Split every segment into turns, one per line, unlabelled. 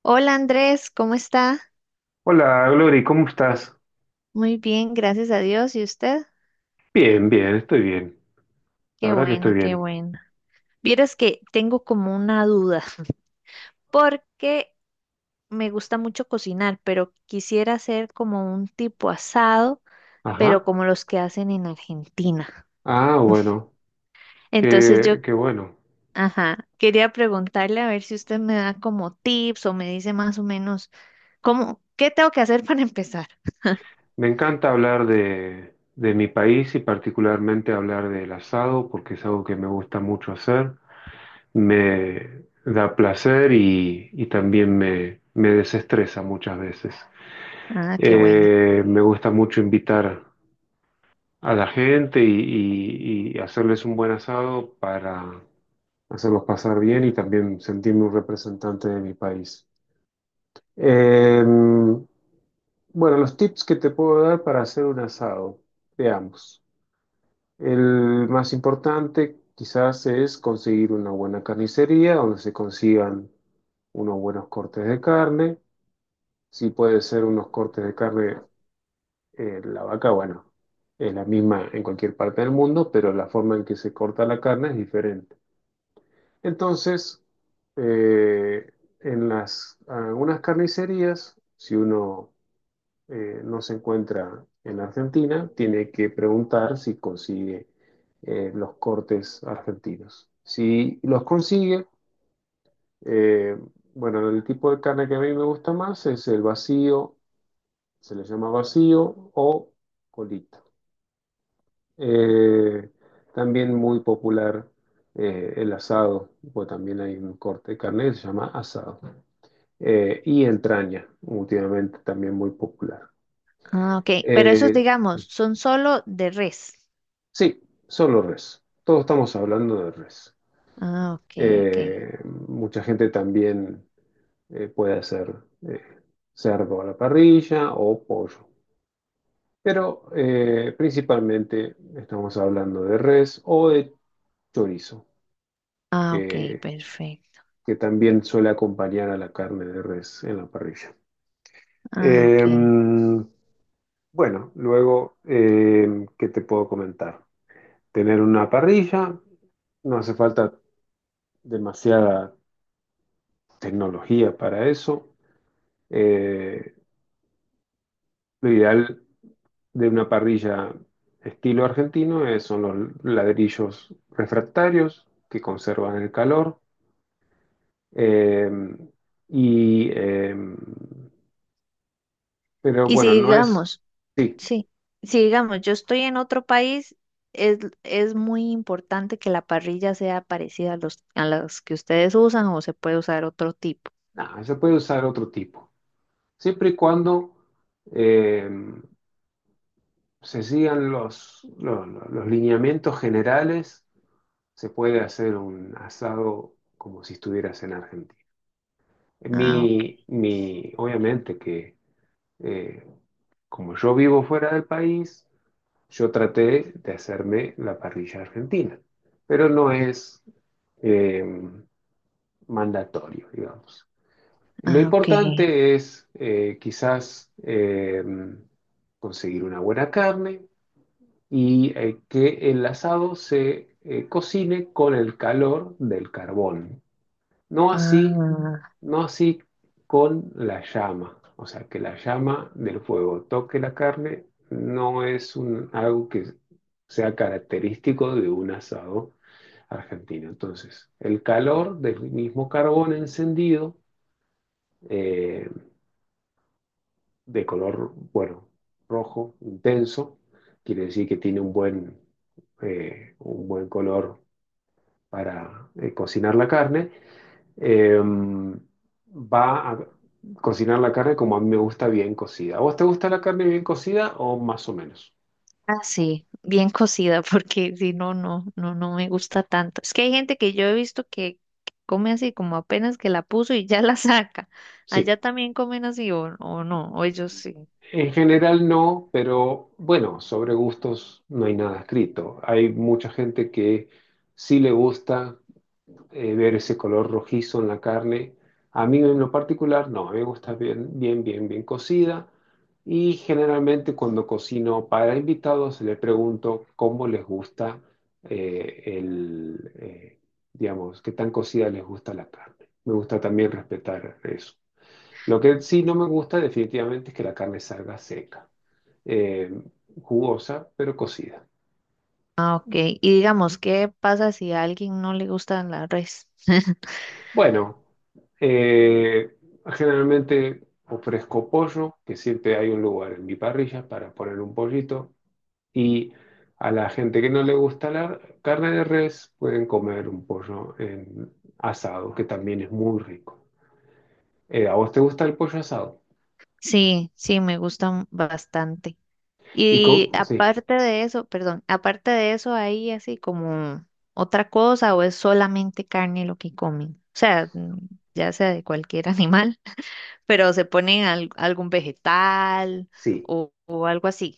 Hola Andrés, ¿cómo está?
Hola, Glory, ¿cómo estás?
Muy bien, gracias a Dios. ¿Y usted?
Bien, bien, estoy bien. La
Qué
verdad que estoy
bueno, qué
bien.
bueno. Vieras que tengo como una duda, porque me gusta mucho cocinar, pero quisiera hacer como un tipo asado, pero
Ajá.
como los que hacen en Argentina.
Ah, bueno,
Entonces yo,
qué bueno.
ajá, quería preguntarle a ver si usted me da como tips o me dice más o menos cómo, qué tengo que hacer para empezar.
Me encanta hablar de mi país y particularmente hablar del asado porque es algo que me gusta mucho hacer. Me da placer y también me desestresa muchas veces.
Ah, qué bueno.
Me gusta mucho invitar a la gente y hacerles un buen asado para hacerlos pasar bien y también sentirme un representante de mi país. Eh, bueno, los tips que te puedo dar para hacer un asado, veamos. El más importante quizás es conseguir una buena carnicería donde se consigan unos buenos cortes de carne. Si puede ser unos cortes de carne, la vaca, bueno, es la misma en cualquier parte del mundo, pero la forma en que se corta la carne es diferente. Entonces, eh, en las, algunas carnicerías, si uno no se encuentra en Argentina, tiene que preguntar si consigue los cortes argentinos. Si los consigue, eh, bueno, el tipo de carne que a mí me gusta más es el vacío, se le llama vacío o colita. Eh, También muy popular el asado, pues también hay un corte de carne que se llama asado. Y entraña, últimamente también muy popular.
Ah, ok. Pero esos,
Eh,
digamos, son solo de res.
sí, solo res. Todos estamos hablando de res.
Ah, ok, ok.
Eh, Mucha gente también puede hacer eh, cerdo a la parrilla o pollo, pero principalmente estamos hablando de res o de chorizo,
Ah, ok,
que,
perfecto.
que también suele acompañar a la carne de res en la parrilla.
Ah, ok.
Eh, bueno, luego, ¿qué te puedo comentar? Tener una parrilla, no hace falta demasiada tecnología para eso. Eh, lo ideal de una parrilla estilo argentino son los ladrillos refractarios que conservan el calor. eh, y, eh, pero
Y
bueno,
si
no es...
digamos,
Sí,
sí, si digamos, yo estoy en otro país, es muy importante que la parrilla sea parecida a los, a las que ustedes usan o se puede usar otro tipo.
no, se puede usar otro tipo. Siempre y cuando eh, se sigan los lineamientos generales se puede hacer un asado como si estuvieras en Argentina.
Ah, ok.
Obviamente que eh, como yo vivo fuera del país, yo traté de hacerme la parrilla argentina, pero no es eh, mandatorio, digamos. Lo
Ah, ok.
importante es quizás conseguir una buena carne y que el asado se cocine con el calor del carbón. No así,
Ah,
no así con la llama. O sea, que la llama del fuego toque la carne no es un, algo que sea característico de un asado argentino. Entonces, el calor del mismo carbón encendido, eh, de color, bueno, rojo, intenso, quiere decir que tiene un buen color para cocinar la carne, eh, va a cocinar la carne como a mí me gusta bien cocida. ¿A ¿Vos te gusta la carne bien cocida o más o menos?
ah, sí, bien cocida, porque si no, no me gusta tanto. Es que hay gente que yo he visto que come así, como apenas que la puso y ya la saca.
Sí,
Allá también comen así o no, o ellos sí.
en general no, pero bueno, sobre gustos no hay nada escrito. Hay mucha gente que sí le gusta ver ese color rojizo en la carne. A mí en lo particular no, a mí me gusta bien, bien, bien, bien cocida. Y generalmente cuando cocino para invitados le pregunto cómo les gusta eh, el, eh, digamos, qué tan cocida les gusta la carne. Me gusta también respetar eso. Lo que sí no me gusta definitivamente es que la carne salga seca, eh, jugosa, pero cocida.
Ah, ok. Y digamos, ¿qué pasa si a alguien no le gusta la res?
Bueno, eh, generalmente ofrezco pollo, que siempre hay un lugar en mi parrilla para poner un pollito, y a la gente que no le gusta la carne de res pueden comer un pollo en asado, que también es muy rico. ¿A vos te gusta el pollo asado?
Sí, sí, me gustan bastante.
Y
Y
con, sí,
aparte de eso, perdón, aparte de eso, ¿hay así como otra cosa o es solamente carne lo que comen? O sea, ya sea de cualquier animal, pero se ponen al- algún vegetal
sí,
o algo así.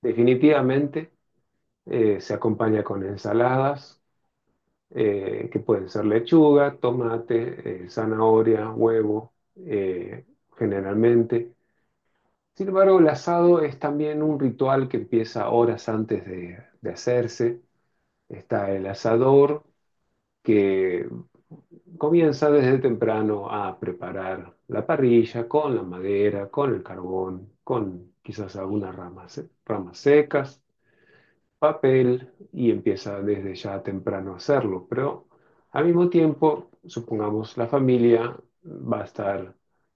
definitivamente se acompaña con ensaladas, que pueden ser lechuga, tomate, zanahoria, huevo, generalmente. Sin embargo, el asado es también un ritual que empieza horas antes de hacerse. Está el asador que comienza desde temprano a preparar la parrilla con la madera, con el carbón, con quizás algunas ramas, ramas secas papel y empieza desde ya temprano a hacerlo. Pero al mismo tiempo, supongamos, la familia va a estar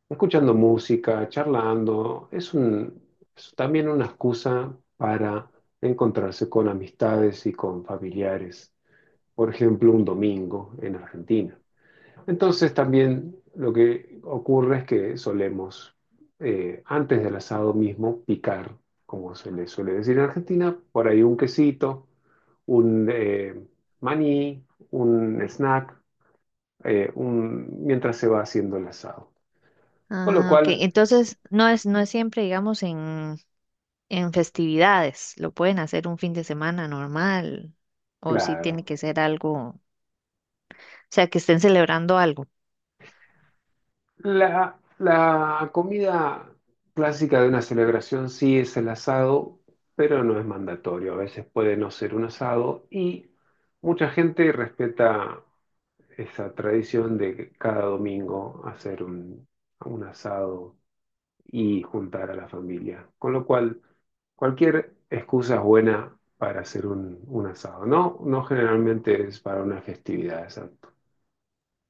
escuchando música, charlando. Es también una excusa para encontrarse con amistades y con familiares. Por ejemplo, un domingo en Argentina. Entonces también lo que ocurre es que solemos, antes del asado mismo, picar, como se le suele decir en Argentina, por ahí un quesito, un maní, un snack, mientras se va haciendo el asado. Con lo
Ah, ok.
cual, s-
Entonces,
sí,
no es siempre, digamos, en festividades. Lo pueden hacer un fin de semana normal o si tiene
claro.
que ser algo, o sea, que estén celebrando algo.
La comida clásica de una celebración sí es el asado, pero no es mandatorio. A veces puede no ser un asado y mucha gente respeta esa tradición de que cada domingo hacer un asado y juntar a la familia. Con lo cual, cualquier excusa es buena para hacer un asado, ¿no? No generalmente es para una festividad, exacto.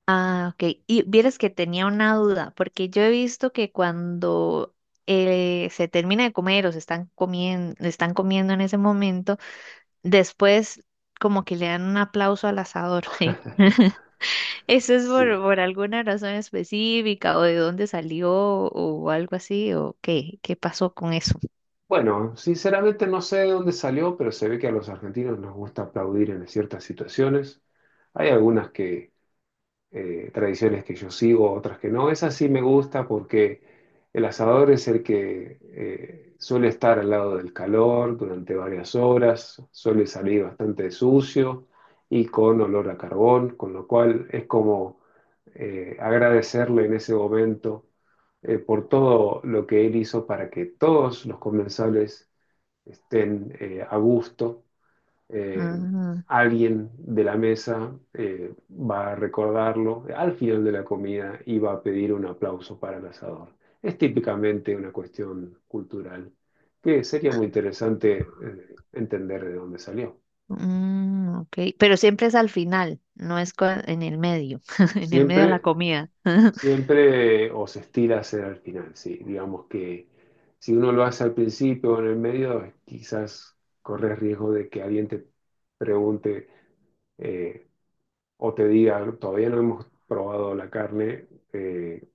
Ah, ok. Y vieras que tenía una duda, porque yo he visto que cuando se termina de comer o se están comiendo en ese momento, después como que le dan un aplauso al asador, ¿sí? ¿Eso es
Sí.
por alguna razón específica o de dónde salió o algo así o qué, qué pasó con eso?
Bueno, sinceramente no sé de dónde salió, pero se ve que a los argentinos nos gusta aplaudir en ciertas situaciones. Hay algunas que, tradiciones que yo sigo, otras que no. Esa sí me gusta porque el asador es el que suele estar al lado del calor durante varias horas, suele salir bastante sucio y con olor a carbón, con lo cual es como agradecerle en ese momento por todo lo que él hizo para que todos los comensales estén a gusto. Eh,
Ah,
Alguien de la mesa va a recordarlo al final de la comida y va a pedir un aplauso para el asador. Es típicamente una cuestión cultural que sería muy interesante entender de dónde salió.
mm, ok. Pero siempre es al final, no es cua- en el medio, en el medio de la
Siempre,
comida.
Siempre os estira a hacer al final, sí. Digamos que si uno lo hace al principio o en el medio, quizás corres riesgo de que alguien te pregunte eh, o te diga, todavía no hemos probado la carne,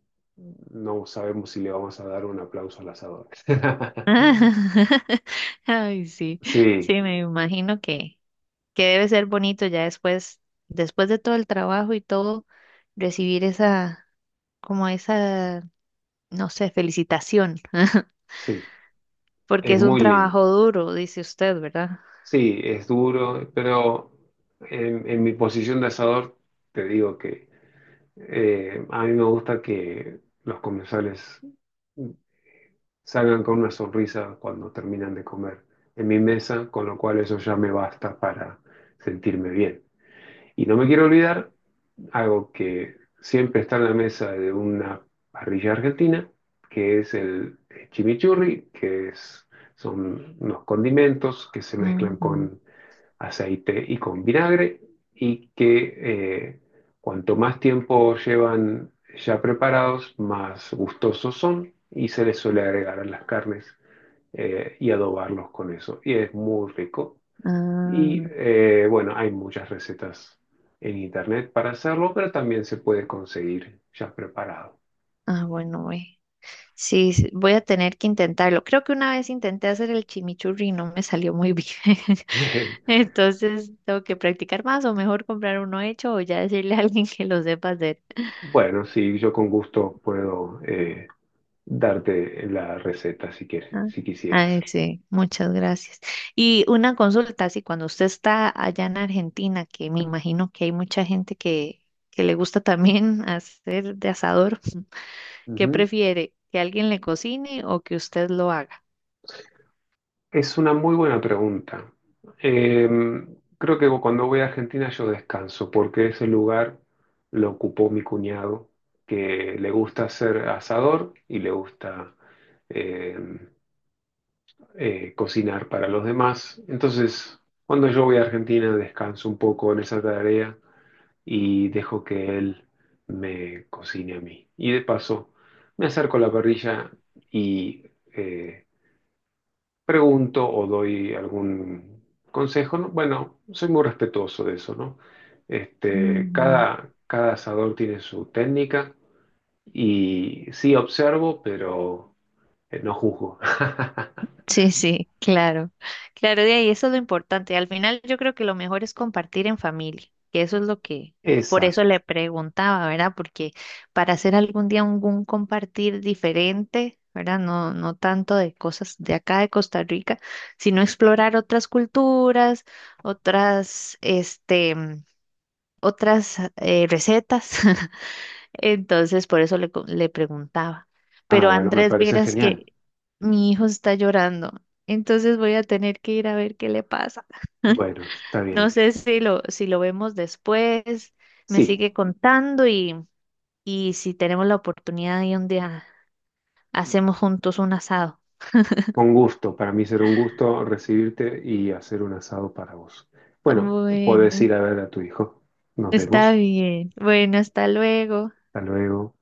no sabemos si le vamos a dar un aplauso al asador.
Ay, sí,
Sí,
sí, me imagino que debe ser bonito ya después, después de todo el trabajo y todo, recibir esa, como esa, no sé, felicitación.
sí,
Porque
es
es un
muy
trabajo
lindo.
duro, dice usted, ¿verdad?
Sí, es duro, pero en mi posición de asador te digo que a mí me gusta que los comensales salgan con una sonrisa cuando terminan de comer en mi mesa, con lo cual eso ya me basta para sentirme bien. Y no me quiero olvidar algo que siempre está en la mesa de una parrilla argentina, que es el chimichurri, que es, son unos condimentos que se mezclan
Ujú.
con aceite y con vinagre y que cuanto más tiempo llevan ya preparados, más gustosos son y se les suele agregar a las carnes y adobarlos con eso. Y es muy rico. Y
Ah,
bueno, hay muchas recetas en internet para hacerlo, pero también se puede conseguir ya preparado.
ah, bueno, güey. Sí, sí, voy a tener que intentarlo. Creo que una vez intenté hacer el chimichurri y no me salió muy bien. Entonces, tengo que practicar más o mejor comprar uno hecho o ya decirle a alguien que lo sepa hacer.
Bueno, sí, yo con gusto puedo darte la receta si quieres,
Ah,
si
ay,
quisieras.
sí, muchas gracias. Y una consulta, sí, cuando usted está allá en Argentina, que me imagino que hay mucha gente que le gusta también hacer de asador. ¿Qué
Ujú.
prefiere? ¿Que alguien le cocine o que usted lo haga?
Es una muy buena pregunta. Eh, Creo que cuando voy a Argentina yo descanso, porque ese lugar lo ocupó mi cuñado, que le gusta ser asador y le gusta eh, cocinar para los demás. Entonces, cuando yo voy a Argentina, descanso un poco en esa tarea y dejo que él me cocine a mí. Y de paso, me acerco a la parrilla y eh, pregunto o doy algún consejo, ¿no? Bueno, soy muy respetuoso de eso, ¿no? Este,
Ujú.
cada asador tiene su técnica y sí observo, pero no juzgo.
Sí, sí, claro. Claro, de ahí eso es lo importante. Al final yo creo que lo mejor es compartir en familia, que eso es lo que, por eso
Exacto.
le preguntaba, ¿verdad? Porque para hacer algún día un compartir diferente, ¿verdad? No, no tanto de cosas de acá de Costa Rica, sino explorar otras culturas, otras, este, otras recetas. Entonces, por eso le, co- le preguntaba.
Ah,
Pero
bueno, me
Andrés,
parece
vieras
genial.
que mi hijo está llorando. Entonces voy a tener que ir a ver qué le pasa.
Bueno, está
No
bien.
sé si lo, si lo vemos después, me
Sí,
sigue contando y si tenemos la oportunidad y un día hacemos juntos un asado.
con gusto. Para mí será un gusto recibirte y hacer un asado para vos. Bueno, podés
Bueno,
ir a ver a tu hijo. Nos
está
vemos.
bien. Bueno, hasta luego.
Hasta luego.